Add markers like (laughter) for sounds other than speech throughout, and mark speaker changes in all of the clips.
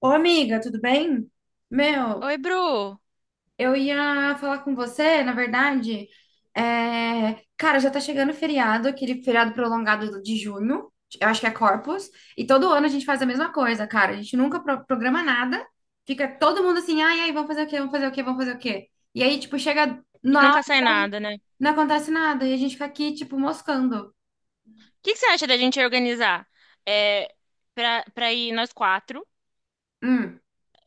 Speaker 1: Ô, amiga, tudo bem? Meu,
Speaker 2: Oi, Bru.
Speaker 1: eu ia falar com você, na verdade. Cara, já tá chegando o feriado, aquele feriado prolongado de junho, eu acho que é Corpus, e todo ano a gente faz a mesma coisa, cara. A gente nunca programa nada, fica todo mundo assim, ai, ai, vamos fazer o quê, vamos fazer o quê, vamos fazer o quê? E aí, tipo, chega
Speaker 2: E
Speaker 1: na hora,
Speaker 2: nunca sai nada, né? O
Speaker 1: não acontece nada, e a gente fica aqui, tipo, moscando.
Speaker 2: que que você acha da gente organizar? É, pra ir nós quatro.
Speaker 1: Hum,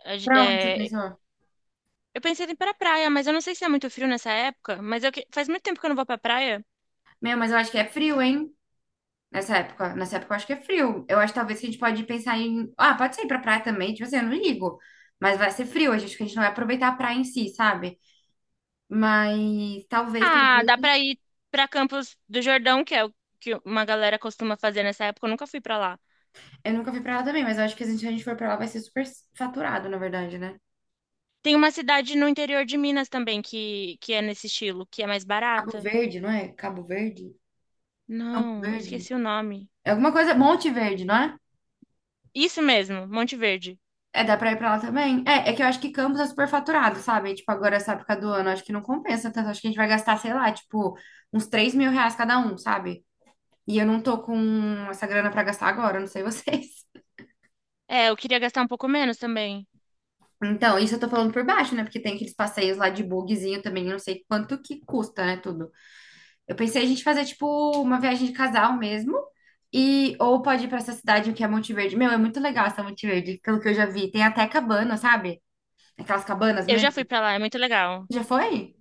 Speaker 2: a ge-
Speaker 1: pra onde você
Speaker 2: é,
Speaker 1: pensou?
Speaker 2: eu pensei em ir pra praia, mas eu não sei se é muito frio nessa época. Mas faz muito tempo que eu não vou pra praia.
Speaker 1: Meu, mas eu acho que é frio, hein? Nessa época eu acho que é frio. Eu acho que talvez que a gente pode pensar em. Ah, pode ser ir pra praia também, tipo assim, eu não ligo. Mas vai ser frio, a gente, acho que a gente não vai aproveitar a praia em si, sabe? Mas talvez,
Speaker 2: Ah, dá pra
Speaker 1: talvez.
Speaker 2: ir pra Campos do Jordão, que é o que uma galera costuma fazer nessa época. Eu nunca fui pra lá.
Speaker 1: Eu nunca fui pra lá também, mas eu acho que se a gente for pra lá vai ser super faturado, na verdade, né?
Speaker 2: Tem uma cidade no interior de Minas também que é nesse estilo, que é mais
Speaker 1: Cabo
Speaker 2: barata.
Speaker 1: Verde, não é? Cabo Verde? Campo
Speaker 2: Não, eu
Speaker 1: Verde?
Speaker 2: esqueci o nome.
Speaker 1: É alguma coisa. Monte Verde, não é?
Speaker 2: Isso mesmo, Monte Verde.
Speaker 1: É, dá pra ir pra lá também? É, é que eu acho que Campos é super faturado, sabe? Tipo, agora essa época do ano, acho que não compensa tanto. Acho que a gente vai gastar, sei lá, tipo, uns 3 mil reais cada um, sabe? E eu não tô com essa grana pra gastar agora, não sei vocês. (laughs)
Speaker 2: É, eu queria gastar um pouco menos também.
Speaker 1: Então, isso eu tô falando por baixo, né? Porque tem aqueles passeios lá de bugzinho também, eu não sei quanto que custa, né, tudo. Eu pensei a gente fazer, tipo, uma viagem de casal mesmo. E, ou pode ir pra essa cidade que é Monte Verde. Meu, é muito legal essa Monte Verde, pelo que eu já vi. Tem até cabana, sabe? Aquelas cabanas
Speaker 2: Eu já
Speaker 1: mesmo.
Speaker 2: fui pra lá, é muito legal.
Speaker 1: Já foi?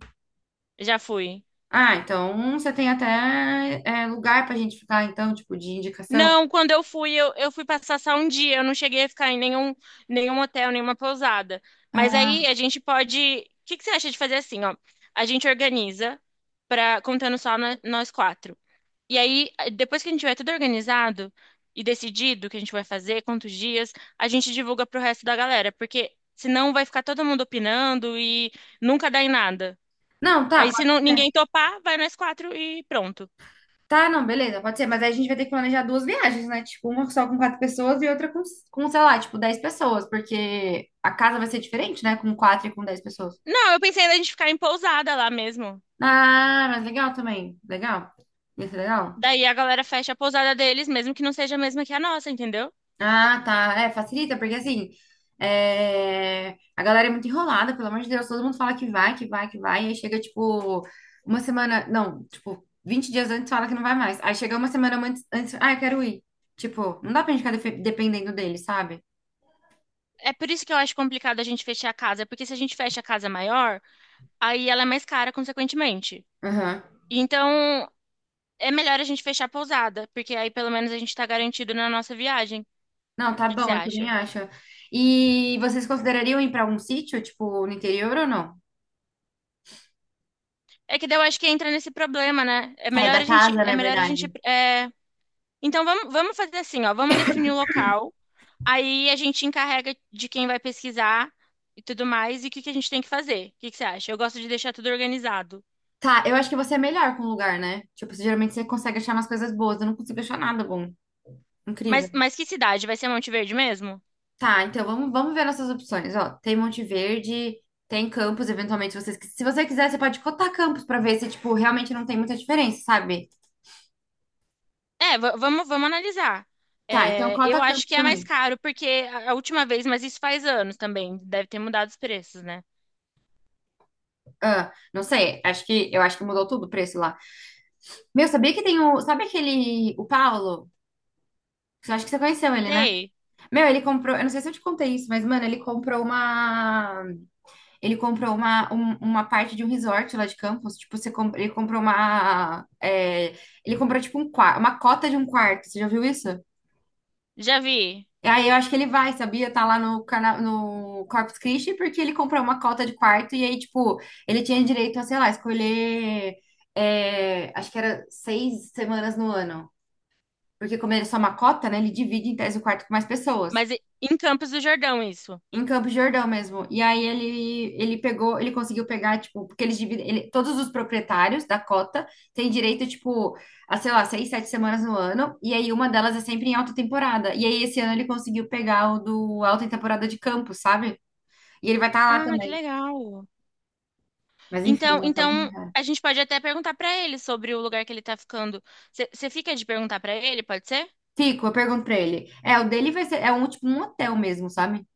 Speaker 2: Já fui.
Speaker 1: Ah, então você tem até lugar pra gente ficar, então, tipo, de indicação.
Speaker 2: Não, quando eu fui, eu fui passar só um dia. Eu não cheguei a ficar em nenhum hotel, nenhuma pousada. Mas
Speaker 1: Ah,
Speaker 2: aí a gente pode. O que que você acha de fazer assim, ó? A gente organiza para contando só no- nós quatro. E aí, depois que a gente tiver tudo organizado e decidido o que a gente vai fazer, quantos dias, a gente divulga pro resto da galera, porque senão vai ficar todo mundo opinando e nunca dá em nada.
Speaker 1: não, tá,
Speaker 2: Aí, se
Speaker 1: pode
Speaker 2: não ninguém
Speaker 1: ser.
Speaker 2: topar, vai nós quatro e pronto.
Speaker 1: Tá, não, beleza, pode ser, mas aí a gente vai ter que planejar duas viagens, né? Tipo, uma só com quatro pessoas e outra com, sei lá, tipo, 10 pessoas, porque a casa vai ser diferente, né? Com quatro e com 10 pessoas.
Speaker 2: Não, eu pensei ainda a gente ficar em pousada lá mesmo.
Speaker 1: Ah, mas legal também, legal. Isso é legal.
Speaker 2: Daí a galera fecha a pousada deles, mesmo que não seja a mesma que a nossa, entendeu?
Speaker 1: Ah, tá, facilita, porque assim, a galera é muito enrolada, pelo amor de Deus, todo mundo fala que vai, que vai, que vai, e aí chega, tipo, uma semana, não, tipo, 20 dias antes fala que não vai mais, aí chega uma semana antes, antes ah, eu quero ir. Tipo, não dá pra gente ficar dependendo dele, sabe?
Speaker 2: É por isso que eu acho complicado a gente fechar a casa, porque se a gente fecha a casa maior, aí ela é mais cara, consequentemente.
Speaker 1: Aham.
Speaker 2: Então, é melhor a gente fechar a pousada, porque aí pelo menos a gente tá garantido na nossa viagem. O
Speaker 1: Não, tá
Speaker 2: que que você
Speaker 1: bom, eu também
Speaker 2: acha?
Speaker 1: acho. E vocês considerariam ir pra algum sítio, tipo, no interior ou não?
Speaker 2: É que daí eu acho que entra nesse problema, né? É
Speaker 1: É,
Speaker 2: melhor
Speaker 1: da
Speaker 2: a gente,
Speaker 1: casa,
Speaker 2: é
Speaker 1: na
Speaker 2: melhor a
Speaker 1: verdade.
Speaker 2: gente, é... Então vamos, vamos fazer assim, ó, vamos definir o local. Aí a gente encarrega de quem vai pesquisar e tudo mais, e o que que a gente tem que fazer? O que que você acha? Eu gosto de deixar tudo organizado.
Speaker 1: Tá, eu acho que você é melhor com o lugar, né? Tipo, geralmente você consegue achar umas coisas boas. Eu não consigo achar nada bom. Incrível.
Speaker 2: Mas que cidade? Vai ser Monte Verde mesmo?
Speaker 1: Tá, então vamos, vamos ver nossas opções. Ó, tem Monte Verde, tem Campos, eventualmente, se você quiser, você pode cotar Campos pra ver se, tipo, realmente não tem muita diferença, sabe?
Speaker 2: É, vamos, vamos analisar.
Speaker 1: Tá, então
Speaker 2: É,
Speaker 1: cota
Speaker 2: eu acho
Speaker 1: Campos
Speaker 2: que é mais
Speaker 1: também.
Speaker 2: caro, porque a última vez, mas isso faz anos também, deve ter mudado os preços, né?
Speaker 1: Ah, não sei, acho que mudou tudo o preço lá. Meu, sabia que tem o. Sabe aquele. O Paulo? Você acha que você conheceu ele, né?
Speaker 2: Sei,
Speaker 1: Meu, ele comprou, eu não sei se eu te contei isso, mas, mano, ele comprou uma. Ele comprou uma parte de um resort lá de Campos. Tipo, ele comprou uma. Ele comprou, tipo, um quarto, uma cota de um quarto. Você já viu isso?
Speaker 2: já vi.
Speaker 1: E aí eu acho que ele vai, sabia? Tá lá no Corpus Christi, porque ele comprou uma cota de quarto. E aí, tipo, ele tinha direito a, sei lá, escolher. Acho que era 6 semanas no ano. Porque como ele é só uma cota, né? Ele divide em tese o quarto com mais pessoas.
Speaker 2: Mas em Campos do Jordão, isso.
Speaker 1: Em Campos de Jordão mesmo. E aí ele pegou, ele conseguiu pegar, tipo, porque eles dividem, todos os proprietários da cota têm direito, tipo, a, sei lá, 6, 7 semanas no ano, e aí uma delas é sempre em alta temporada. E aí esse ano ele conseguiu pegar o do alta temporada de Campos, sabe? E ele vai estar lá
Speaker 2: Ah, que
Speaker 1: também.
Speaker 2: legal.
Speaker 1: Mas enfim,
Speaker 2: Então,
Speaker 1: não sabe como
Speaker 2: então
Speaker 1: errar.
Speaker 2: a gente pode até perguntar pra ele sobre o lugar que ele tá ficando. Você fica de perguntar pra ele, pode ser?
Speaker 1: Fico, eu pergunto pra ele. É, o dele vai ser, é um, tipo, um hotel mesmo, sabe?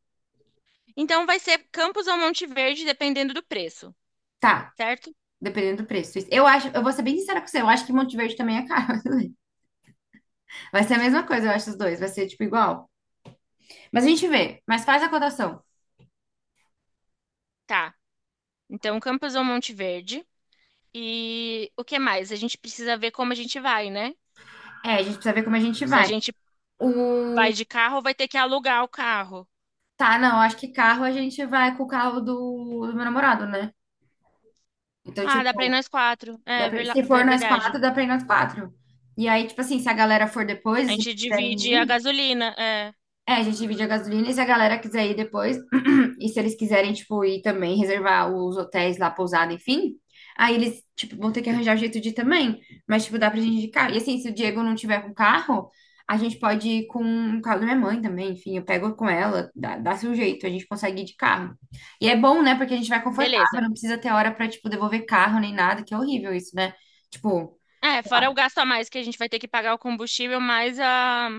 Speaker 2: Então vai ser Campos ou Monte Verde, dependendo do preço,
Speaker 1: Tá,
Speaker 2: certo?
Speaker 1: dependendo do preço. Eu acho, eu vou ser bem sincera com você, eu acho que Monte Verde também é caro. (laughs) Vai ser a mesma coisa, eu acho, os dois, vai ser, tipo, igual. Mas a gente vê, mas faz a cotação.
Speaker 2: Tá. Então Campos ou Monte Verde. E o que mais? A gente precisa ver como a gente vai, né?
Speaker 1: É, a gente precisa ver como a gente
Speaker 2: Se a
Speaker 1: vai.
Speaker 2: gente
Speaker 1: O...
Speaker 2: vai de carro, vai ter que alugar o carro.
Speaker 1: Tá, não, acho que carro a gente vai com o carro do meu namorado, né? Então,
Speaker 2: Ah, dá pra ir
Speaker 1: tipo,
Speaker 2: nós quatro. É
Speaker 1: se for nós
Speaker 2: verdade.
Speaker 1: quatro, dá pra ir nós quatro. E aí, tipo assim, se a galera for
Speaker 2: A
Speaker 1: depois, se
Speaker 2: gente
Speaker 1: eles
Speaker 2: divide a
Speaker 1: quiserem ir,
Speaker 2: gasolina. É,
Speaker 1: a gente divide a gasolina e se a galera quiser ir depois. E se eles quiserem, tipo, ir também reservar os hotéis lá, pousada, enfim, aí eles, tipo, vão ter que arranjar jeito de ir também. Mas, tipo, dá pra gente ir de carro. E assim, se o Diego não tiver com carro, a gente pode ir com o carro da minha mãe também. Enfim, eu pego com ela, dá, dá-se um jeito, a gente consegue ir de carro. E é bom, né? Porque a gente vai confortável,
Speaker 2: beleza.
Speaker 1: não precisa ter hora pra, tipo, devolver carro nem nada, que é horrível isso, né? Tipo,
Speaker 2: É, fora o gasto a mais que a gente vai ter que pagar o combustível,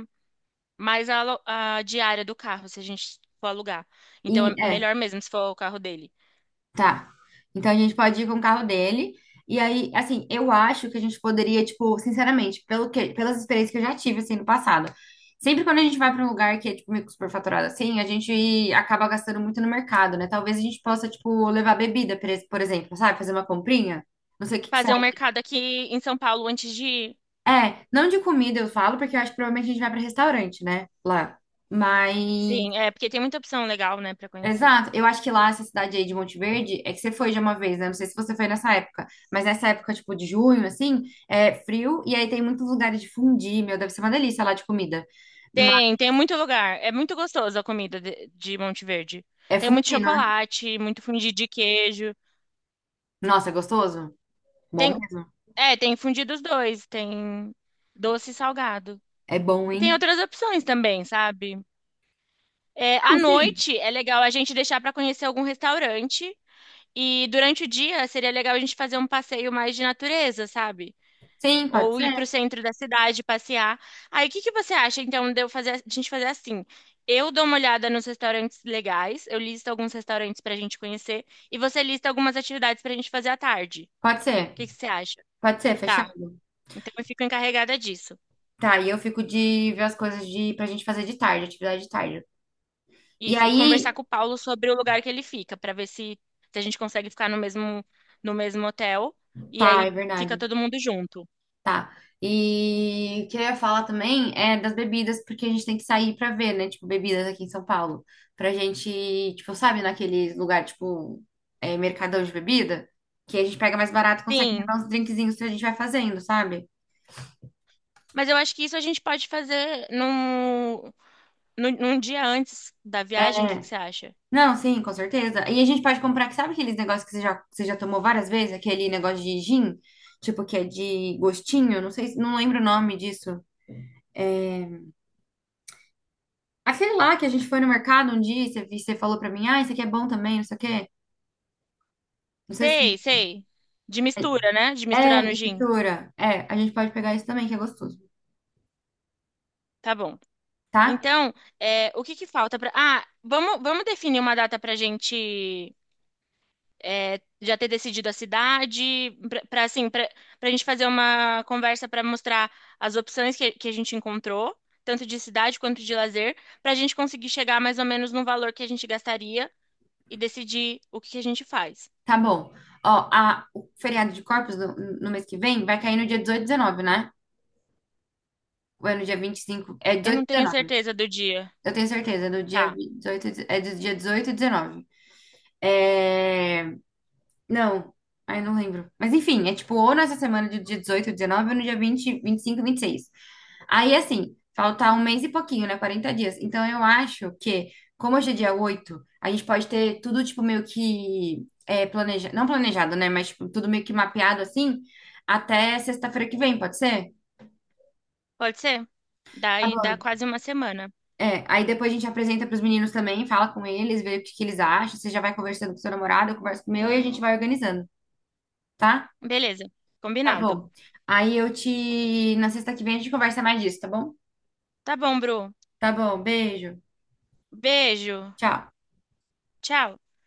Speaker 2: mais a diária do carro, se a gente for alugar. Então
Speaker 1: e
Speaker 2: é
Speaker 1: é.
Speaker 2: melhor mesmo se for o carro dele.
Speaker 1: Tá. Então a gente pode ir com o carro dele. E aí, assim, eu acho que a gente poderia, tipo, sinceramente, pelas experiências que eu já tive, assim, no passado. Sempre quando a gente vai para um lugar que é, tipo, meio que superfaturado, assim, a gente acaba gastando muito no mercado, né? Talvez a gente possa, tipo, levar bebida, por exemplo, sabe? Fazer uma comprinha. Não sei o que que você
Speaker 2: Fazer um
Speaker 1: acha.
Speaker 2: mercado aqui em São Paulo antes de ir.
Speaker 1: É, não de comida eu falo, porque eu acho que provavelmente a gente vai para restaurante, né? Lá. Mas.
Speaker 2: Sim, é, porque tem muita opção legal, né, pra conhecer.
Speaker 1: Exato. Eu acho que lá, essa cidade aí de Monte Verde, é que você foi já uma vez, né? Não sei se você foi nessa época, mas nessa época, tipo, de junho, assim, é frio, e aí tem muitos lugares de fundir meu, deve ser uma delícia lá de comida. Mas
Speaker 2: Tem, tem muito lugar. É muito gostoso a comida de Monte Verde.
Speaker 1: é
Speaker 2: Tem muito
Speaker 1: fundir não é?
Speaker 2: chocolate, muito fundido de queijo.
Speaker 1: Nossa, é gostoso? Bom
Speaker 2: Tem,
Speaker 1: mesmo?
Speaker 2: é, tem fundido os dois, tem doce e salgado.
Speaker 1: É bom,
Speaker 2: E tem
Speaker 1: hein?
Speaker 2: outras opções também, sabe? É, à
Speaker 1: Não, sim.
Speaker 2: noite é legal a gente deixar para conhecer algum restaurante. E durante o dia seria legal a gente fazer um passeio mais de natureza, sabe?
Speaker 1: Sim, pode
Speaker 2: Ou ir
Speaker 1: ser.
Speaker 2: para o centro da cidade passear. Aí, o que que você acha, então, de a gente fazer assim? Eu dou uma olhada nos restaurantes legais, eu listo alguns restaurantes para a gente conhecer, e você lista algumas atividades para a gente fazer à tarde.
Speaker 1: Pode
Speaker 2: O
Speaker 1: ser.
Speaker 2: que que você acha?
Speaker 1: Pode ser,
Speaker 2: Tá.
Speaker 1: fechado.
Speaker 2: Então, eu fico encarregada disso.
Speaker 1: Tá, e eu fico de ver as coisas de, pra gente fazer de tarde, atividade de tarde. E
Speaker 2: Isso. E conversar
Speaker 1: aí,
Speaker 2: com o Paulo sobre o lugar que ele fica, para ver se, se a gente consegue ficar no mesmo, no mesmo hotel. E
Speaker 1: tá, é
Speaker 2: aí fica
Speaker 1: verdade.
Speaker 2: todo mundo junto.
Speaker 1: Tá. E o que eu ia falar também é das bebidas, porque a gente tem que sair pra ver, né? Tipo, bebidas aqui em São Paulo. Pra gente, tipo, sabe, naquele lugar, tipo, mercadão de bebida, que a gente pega mais barato e consegue
Speaker 2: Sim.
Speaker 1: levar uns drinkzinhos que a gente vai fazendo, sabe?
Speaker 2: Mas eu acho que isso a gente pode fazer no num num dia antes da viagem, o que
Speaker 1: É.
Speaker 2: que você acha?
Speaker 1: Não, sim, com certeza. E a gente pode comprar, que sabe aqueles negócios que você já tomou várias vezes? Aquele negócio de gin, tipo, que é de gostinho, não sei, não lembro o nome disso. É... Aquele lá que a gente foi no mercado um dia e você falou pra mim, ah, isso aqui é bom também, não sei o quê. Não sei se
Speaker 2: Sei, sei. De mistura, né? De
Speaker 1: é
Speaker 2: misturar no
Speaker 1: de
Speaker 2: gin.
Speaker 1: mistura. É, a gente pode pegar isso também, que é gostoso,
Speaker 2: Tá bom.
Speaker 1: tá?
Speaker 2: Então, é, o que que falta pra. Ah, vamos, vamos definir uma data pra gente é, já ter decidido a cidade, pra gente fazer uma conversa pra mostrar as opções que a gente encontrou, tanto de cidade quanto de lazer, pra gente conseguir chegar mais ou menos no valor que a gente gastaria e decidir o que que a gente faz.
Speaker 1: Tá bom. Ó, a, o feriado de Corpus no mês que vem vai cair no dia 18 e 19, né? Ou é no dia 25. É
Speaker 2: Eu
Speaker 1: 18
Speaker 2: não
Speaker 1: e
Speaker 2: tenho
Speaker 1: 19.
Speaker 2: certeza do dia.
Speaker 1: Eu tenho certeza, é do dia
Speaker 2: Tá.
Speaker 1: 18 e- é do dia 18 e 19. É... Não, aí não lembro. Mas enfim, é tipo ou nessa semana do dia 18, 19 ou no dia 20, 25, 26. Aí assim, faltar um mês e pouquinho, né? 40 dias. Então eu acho que, como hoje é dia 8, a gente pode ter tudo tipo meio que planejado, não planejado, né? Mas tipo, tudo meio que mapeado assim, até sexta-feira que vem, pode ser?
Speaker 2: Pode ser?
Speaker 1: Tá
Speaker 2: Daí dá
Speaker 1: bom.
Speaker 2: quase uma semana.
Speaker 1: É, aí depois a gente apresenta pros meninos também, fala com eles, vê o que que eles acham. Você já vai conversando com seu namorado, eu converso com o meu e a gente vai organizando, tá?
Speaker 2: Beleza,
Speaker 1: Tá
Speaker 2: combinado.
Speaker 1: bom. Aí eu te. Na sexta que vem a gente conversa mais disso, tá bom?
Speaker 2: Tá bom, Bru.
Speaker 1: Tá bom, beijo.
Speaker 2: Beijo.
Speaker 1: Tchau.
Speaker 2: Tchau.